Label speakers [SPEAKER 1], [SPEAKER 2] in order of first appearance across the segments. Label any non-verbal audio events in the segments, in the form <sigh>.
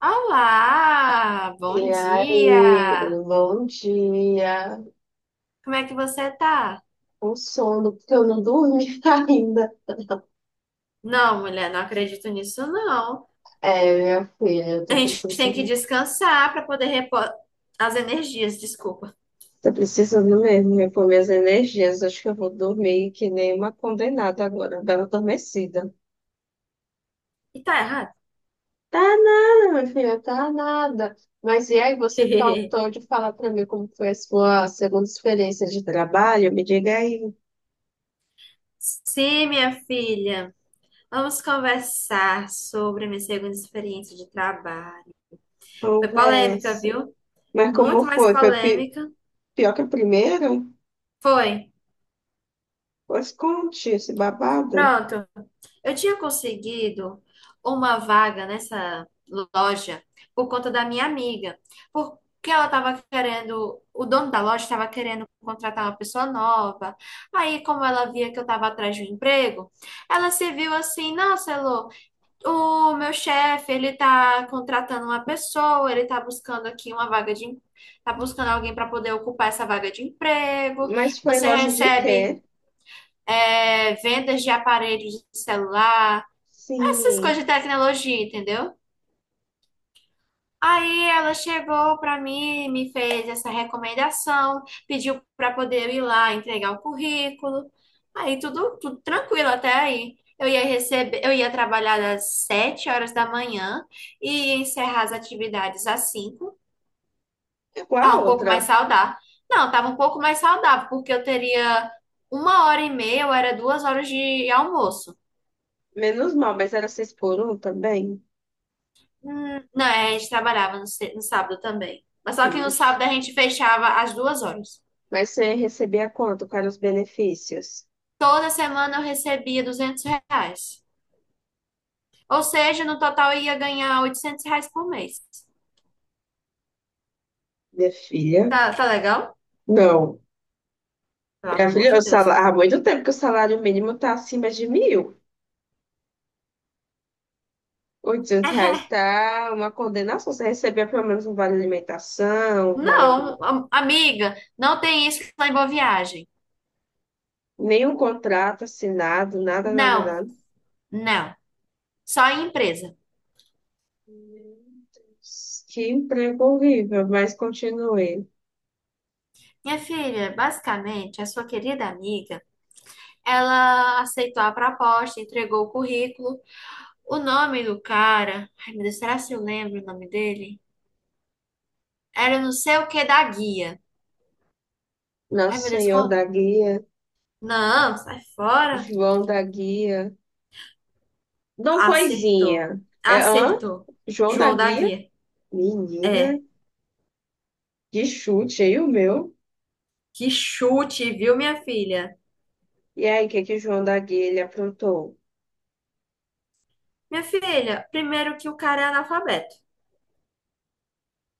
[SPEAKER 1] Olá, bom
[SPEAKER 2] E aí,
[SPEAKER 1] dia!
[SPEAKER 2] bom dia.
[SPEAKER 1] Como é que você tá?
[SPEAKER 2] Com sono, porque eu não dormi <laughs> ainda.
[SPEAKER 1] Não, mulher, não acredito nisso, não.
[SPEAKER 2] É, minha filha, eu
[SPEAKER 1] A
[SPEAKER 2] tô
[SPEAKER 1] gente tem que
[SPEAKER 2] precisando.
[SPEAKER 1] descansar para poder repor as energias, desculpa.
[SPEAKER 2] Tô precisando mesmo repor minhas energias. Acho que eu vou dormir que nem uma condenada agora, bela adormecida.
[SPEAKER 1] E tá errado?
[SPEAKER 2] Tá nada, minha filha, tá nada. Mas e aí, você
[SPEAKER 1] <laughs>
[SPEAKER 2] faltou de falar pra mim como foi a sua segunda experiência de trabalho? Me diga aí,
[SPEAKER 1] Sim, minha filha, vamos conversar sobre a minha segunda experiência de trabalho. Foi polêmica,
[SPEAKER 2] conversa.
[SPEAKER 1] viu?
[SPEAKER 2] Mas como
[SPEAKER 1] Muito mais
[SPEAKER 2] foi? Foi
[SPEAKER 1] polêmica.
[SPEAKER 2] pior que a primeira?
[SPEAKER 1] Foi.
[SPEAKER 2] Pois conte esse babado.
[SPEAKER 1] Pronto. Eu tinha conseguido uma vaga nessa loja por conta da minha amiga, porque ela estava querendo, o dono da loja estava querendo contratar uma pessoa nova. Aí, como ela via que eu estava atrás de um emprego, ela se viu assim: nossa, Elô, o meu chefe, ele tá contratando uma pessoa, ele tá buscando aqui uma vaga de, tá buscando alguém para poder ocupar essa vaga de emprego.
[SPEAKER 2] Mas foi em
[SPEAKER 1] Você
[SPEAKER 2] loja de
[SPEAKER 1] recebe.
[SPEAKER 2] quê?
[SPEAKER 1] É, vendas de aparelhos de celular,
[SPEAKER 2] Sim,
[SPEAKER 1] essas coisas de tecnologia, entendeu? Aí ela chegou para mim, me fez essa recomendação, pediu para poder eu ir lá entregar o currículo. Aí tudo, tudo tranquilo até aí. Eu ia receber, eu ia trabalhar das 7 horas da manhã e ia encerrar as atividades às 5.
[SPEAKER 2] igual
[SPEAKER 1] Tá
[SPEAKER 2] a
[SPEAKER 1] um pouco mais
[SPEAKER 2] outra.
[SPEAKER 1] saudável. Não, tava um pouco mais saudável, porque eu teria uma hora e meia, ou era 2 horas de almoço.
[SPEAKER 2] Menos mal, mas era seis por um também.
[SPEAKER 1] Não, é, a gente trabalhava no, no sábado também. Mas só que no
[SPEAKER 2] Ixi.
[SPEAKER 1] sábado a gente fechava às 2 horas.
[SPEAKER 2] Mas você recebia quanto? Quais eram os benefícios?
[SPEAKER 1] Toda semana eu recebia R$ 200. Ou seja, no total eu ia ganhar R$ 800 por mês.
[SPEAKER 2] Minha filha?
[SPEAKER 1] Tá, tá legal?
[SPEAKER 2] Não.
[SPEAKER 1] Pelo
[SPEAKER 2] Minha
[SPEAKER 1] amor
[SPEAKER 2] filha,
[SPEAKER 1] de Deus.
[SPEAKER 2] há muito tempo que o salário mínimo está acima de 1.000. R$ 800 está uma condenação. Você recebia pelo menos um vale alimentação, um vale.
[SPEAKER 1] Não, amiga, não tem isso lá em Boa Viagem.
[SPEAKER 2] Nenhum contrato assinado, nada, nada,
[SPEAKER 1] Não,
[SPEAKER 2] nada.
[SPEAKER 1] não. Só em empresa.
[SPEAKER 2] Meu Deus, que emprego horrível, mas continue.
[SPEAKER 1] Minha filha, basicamente, a sua querida amiga, ela aceitou a proposta, entregou o currículo. O nome do cara, ai meu Deus, será se eu lembro o nome dele? Era não sei o que da guia. Ai
[SPEAKER 2] Nosso
[SPEAKER 1] meu Deus,
[SPEAKER 2] Senhor
[SPEAKER 1] qual?
[SPEAKER 2] da Guia,
[SPEAKER 1] Não, sai fora.
[SPEAKER 2] João da Guia, Dom
[SPEAKER 1] Acertou.
[SPEAKER 2] Coisinha. É, hã?
[SPEAKER 1] Acertou.
[SPEAKER 2] João da
[SPEAKER 1] João da
[SPEAKER 2] Guia?
[SPEAKER 1] Guia. É,
[SPEAKER 2] Menina, que chute aí o meu.
[SPEAKER 1] que chute, viu, minha filha?
[SPEAKER 2] E aí, o que que o João da Guia ele aprontou?
[SPEAKER 1] Minha filha, primeiro que o cara é analfabeto.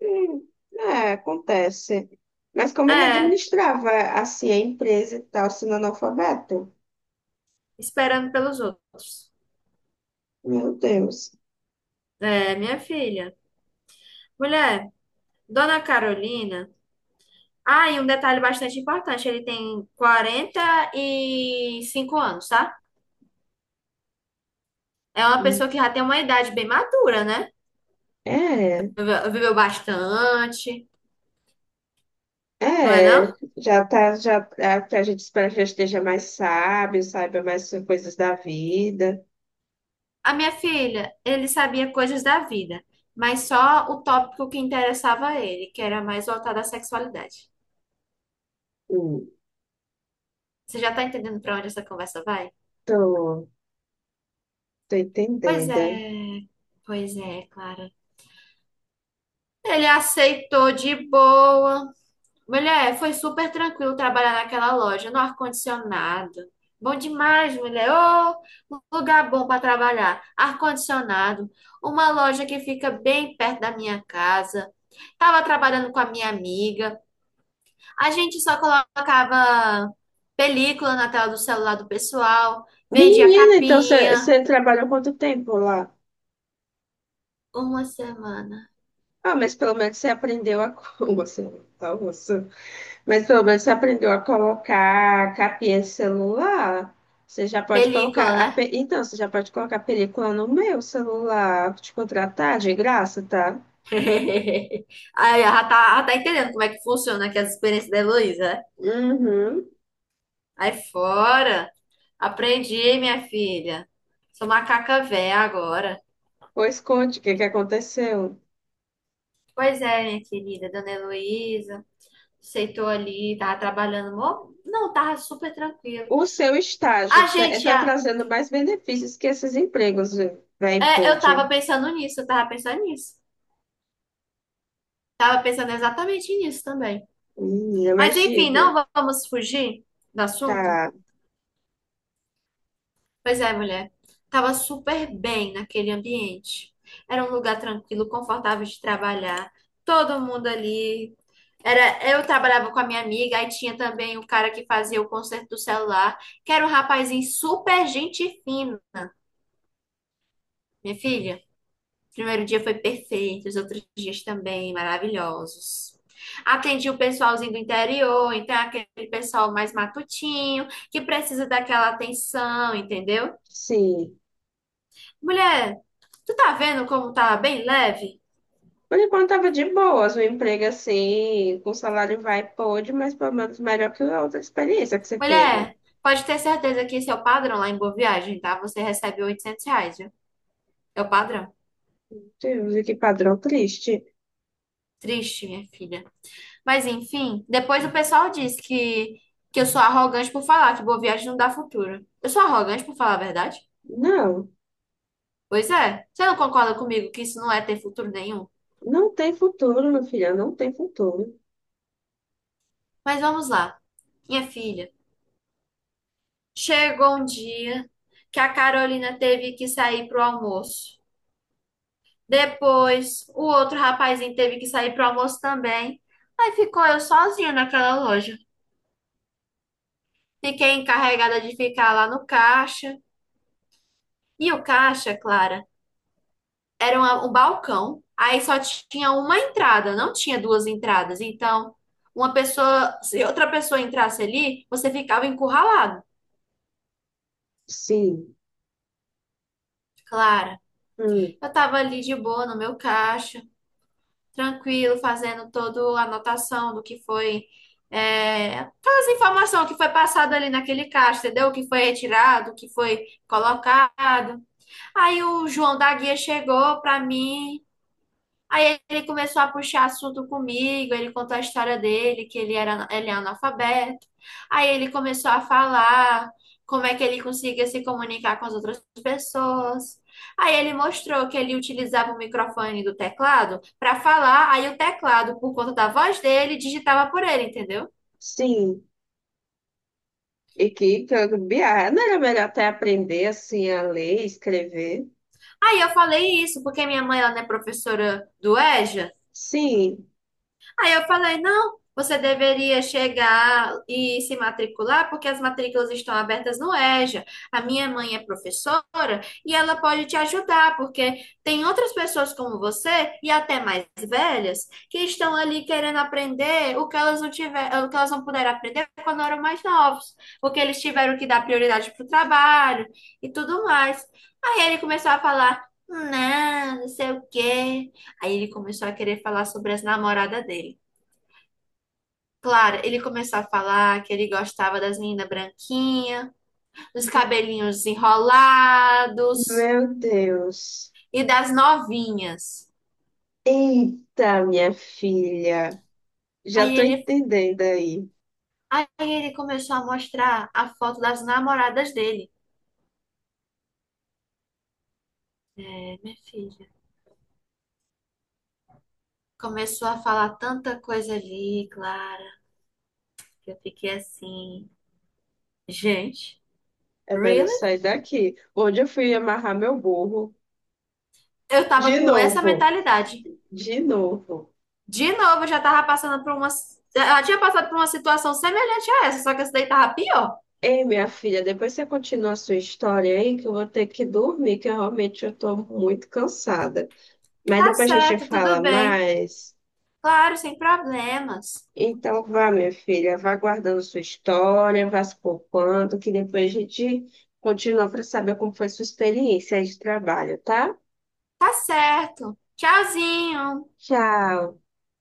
[SPEAKER 2] Hum, é, acontece. Mas como ele
[SPEAKER 1] É,
[SPEAKER 2] administrava assim a empresa e tal, sendo analfabeto?
[SPEAKER 1] esperando pelos outros.
[SPEAKER 2] Meu Deus.
[SPEAKER 1] É, minha filha. Mulher, Dona Carolina. Ah, e um detalhe bastante importante, ele tem 45 anos, tá? É uma pessoa que já tem uma idade bem madura, né?
[SPEAKER 2] É,
[SPEAKER 1] Viveu bastante, não é
[SPEAKER 2] é,
[SPEAKER 1] não?
[SPEAKER 2] já tá, já, é, que a gente espera que já esteja mais sábio, saiba mais coisas da vida.
[SPEAKER 1] A minha filha, ele sabia coisas da vida, mas só o tópico que interessava a ele, que era mais voltado à sexualidade. Você já tá entendendo pra onde essa conversa vai?
[SPEAKER 2] Então, tô
[SPEAKER 1] Pois
[SPEAKER 2] entendendo.
[SPEAKER 1] é, pois é, Clara. Ele aceitou de boa. Mulher, foi super tranquilo trabalhar naquela loja, no ar-condicionado. Bom demais, mulher. Ô, um lugar bom para trabalhar. Ar-condicionado. Uma loja que fica bem perto da minha casa. Tava trabalhando com a minha amiga. A gente só colocava película na tela do celular do pessoal. Vendia
[SPEAKER 2] Menina, então
[SPEAKER 1] capinha.
[SPEAKER 2] você trabalhou quanto tempo lá?
[SPEAKER 1] Uma semana.
[SPEAKER 2] Ah, mas pelo menos você aprendeu <laughs> Você, tá, você. Mas pelo menos você aprendeu a colocar capinha de celular. Você já pode colocar,
[SPEAKER 1] Película, né?
[SPEAKER 2] então, você já pode colocar película no meu celular. Te contratar de graça, tá?
[SPEAKER 1] <laughs> Aí, ela tá entendendo como é que funciona aqui as experiências da Heloísa, né?
[SPEAKER 2] Uhum.
[SPEAKER 1] Aí fora. Aprendi, minha filha. Sou macaca véia agora.
[SPEAKER 2] Pois conte o que que aconteceu.
[SPEAKER 1] Pois é, minha querida, dona Heloísa. Aceitou ali, tava trabalhando. Não, tava super tranquilo.
[SPEAKER 2] O seu estágio
[SPEAKER 1] A gente,
[SPEAKER 2] está
[SPEAKER 1] ah,
[SPEAKER 2] trazendo mais benefícios que esses empregos, velho,
[SPEAKER 1] é, eu
[SPEAKER 2] pode.
[SPEAKER 1] tava pensando nisso, eu tava pensando nisso. Tava pensando exatamente nisso também.
[SPEAKER 2] Menina,
[SPEAKER 1] Mas
[SPEAKER 2] mas
[SPEAKER 1] enfim,
[SPEAKER 2] diga.
[SPEAKER 1] não vamos fugir do assunto?
[SPEAKER 2] Tá.
[SPEAKER 1] Pois é, mulher. Tava super bem naquele ambiente. Era um lugar tranquilo, confortável de trabalhar. Todo mundo ali. Era, eu trabalhava com a minha amiga, aí tinha também o cara que fazia o conserto do celular, que era um rapazinho super gente fino. Minha filha, o primeiro dia foi perfeito, os outros dias também maravilhosos. Atendi o pessoalzinho do interior, então é aquele pessoal mais matutinho, que precisa daquela atenção, entendeu?
[SPEAKER 2] Sim.
[SPEAKER 1] Mulher, tu tá vendo como tá bem leve?
[SPEAKER 2] Por enquanto tava de boas, um emprego assim, com salário vai e pode, mas pelo menos melhor que a outra experiência que você teve.
[SPEAKER 1] Mulher, pode ter certeza que esse é o padrão lá em Boa Viagem, tá? Você recebe R$ 800, viu? É o padrão.
[SPEAKER 2] Deus, e que padrão triste.
[SPEAKER 1] Triste, minha filha. Mas enfim, depois o pessoal diz que eu sou arrogante por falar que Boa Viagem não dá futuro. Eu sou arrogante por falar a verdade?
[SPEAKER 2] Não,
[SPEAKER 1] Pois é. Você não concorda comigo que isso não é ter futuro nenhum?
[SPEAKER 2] não tem futuro, meu filho, não tem futuro.
[SPEAKER 1] Mas vamos lá. Minha filha, chegou um dia que a Carolina teve que sair pro almoço. Depois, o outro rapazinho teve que sair pro almoço também. Aí ficou eu sozinha naquela loja. Fiquei encarregada de ficar lá no caixa. E o caixa, Clara, era um balcão. Aí só tinha uma entrada, não tinha duas entradas. Então, uma pessoa, se outra pessoa entrasse ali, você ficava encurralado.
[SPEAKER 2] Sim,
[SPEAKER 1] Clara,
[SPEAKER 2] hum,
[SPEAKER 1] eu tava ali de boa no meu caixa, tranquilo, fazendo toda a anotação do que foi, é, todas as informações que foi passado ali naquele caixa, entendeu? O que foi retirado, o que foi colocado. Aí o João da Guia chegou para mim. Aí ele começou a puxar assunto comigo, ele contou a história dele, que ele era, ele é analfabeto. Aí ele começou a falar como é que ele conseguia se comunicar com as outras pessoas. Aí ele mostrou que ele utilizava o microfone do teclado para falar, aí o teclado, por conta da voz dele, digitava por ele, entendeu?
[SPEAKER 2] sim. E que que eu- não era melhor até aprender assim a ler, e escrever?
[SPEAKER 1] Aí eu falei isso, porque minha mãe ela não é professora do EJA.
[SPEAKER 2] Sim,
[SPEAKER 1] Aí eu falei, não, você deveria chegar e se matricular, porque as matrículas estão abertas no EJA. A minha mãe é professora e ela pode te ajudar, porque tem outras pessoas como você, e até mais velhas, que estão ali querendo aprender o que elas não tiver, o que elas não puderam aprender quando eram mais novos, porque eles tiveram que dar prioridade para o trabalho e tudo mais. Aí ele começou a falar, não, não sei o quê. Aí ele começou a querer falar sobre as namoradas dele. Claro, ele começou a falar que ele gostava das meninas branquinhas, dos cabelinhos enrolados
[SPEAKER 2] meu Deus.
[SPEAKER 1] e das novinhas.
[SPEAKER 2] Eita, minha filha, já
[SPEAKER 1] Aí
[SPEAKER 2] tô
[SPEAKER 1] ele,
[SPEAKER 2] entendendo aí.
[SPEAKER 1] aí ele começou a mostrar a foto das namoradas dele. É, minha filha. Começou a falar tanta coisa ali, Clara, que eu fiquei assim, gente,
[SPEAKER 2] É, velho, eu
[SPEAKER 1] really?
[SPEAKER 2] saí daqui. Onde eu fui amarrar meu burro?
[SPEAKER 1] Eu tava
[SPEAKER 2] De
[SPEAKER 1] com essa
[SPEAKER 2] novo.
[SPEAKER 1] mentalidade.
[SPEAKER 2] De novo.
[SPEAKER 1] De novo, eu já tava passando por uma, eu já tinha passado por uma situação semelhante a essa, só que essa daí tava pior.
[SPEAKER 2] Ei, minha filha, depois você continua a sua história aí, que eu vou ter que dormir, que eu realmente eu tô muito cansada. Mas
[SPEAKER 1] Tá
[SPEAKER 2] depois a gente
[SPEAKER 1] certo,
[SPEAKER 2] fala
[SPEAKER 1] tudo bem.
[SPEAKER 2] mais.
[SPEAKER 1] Claro, sem problemas.
[SPEAKER 2] Então vá, minha filha, vá guardando sua história, vá se poupando, que depois a gente continua para saber como foi sua experiência aí de trabalho, tá?
[SPEAKER 1] Tá certo. Tchauzinho.
[SPEAKER 2] Tchau.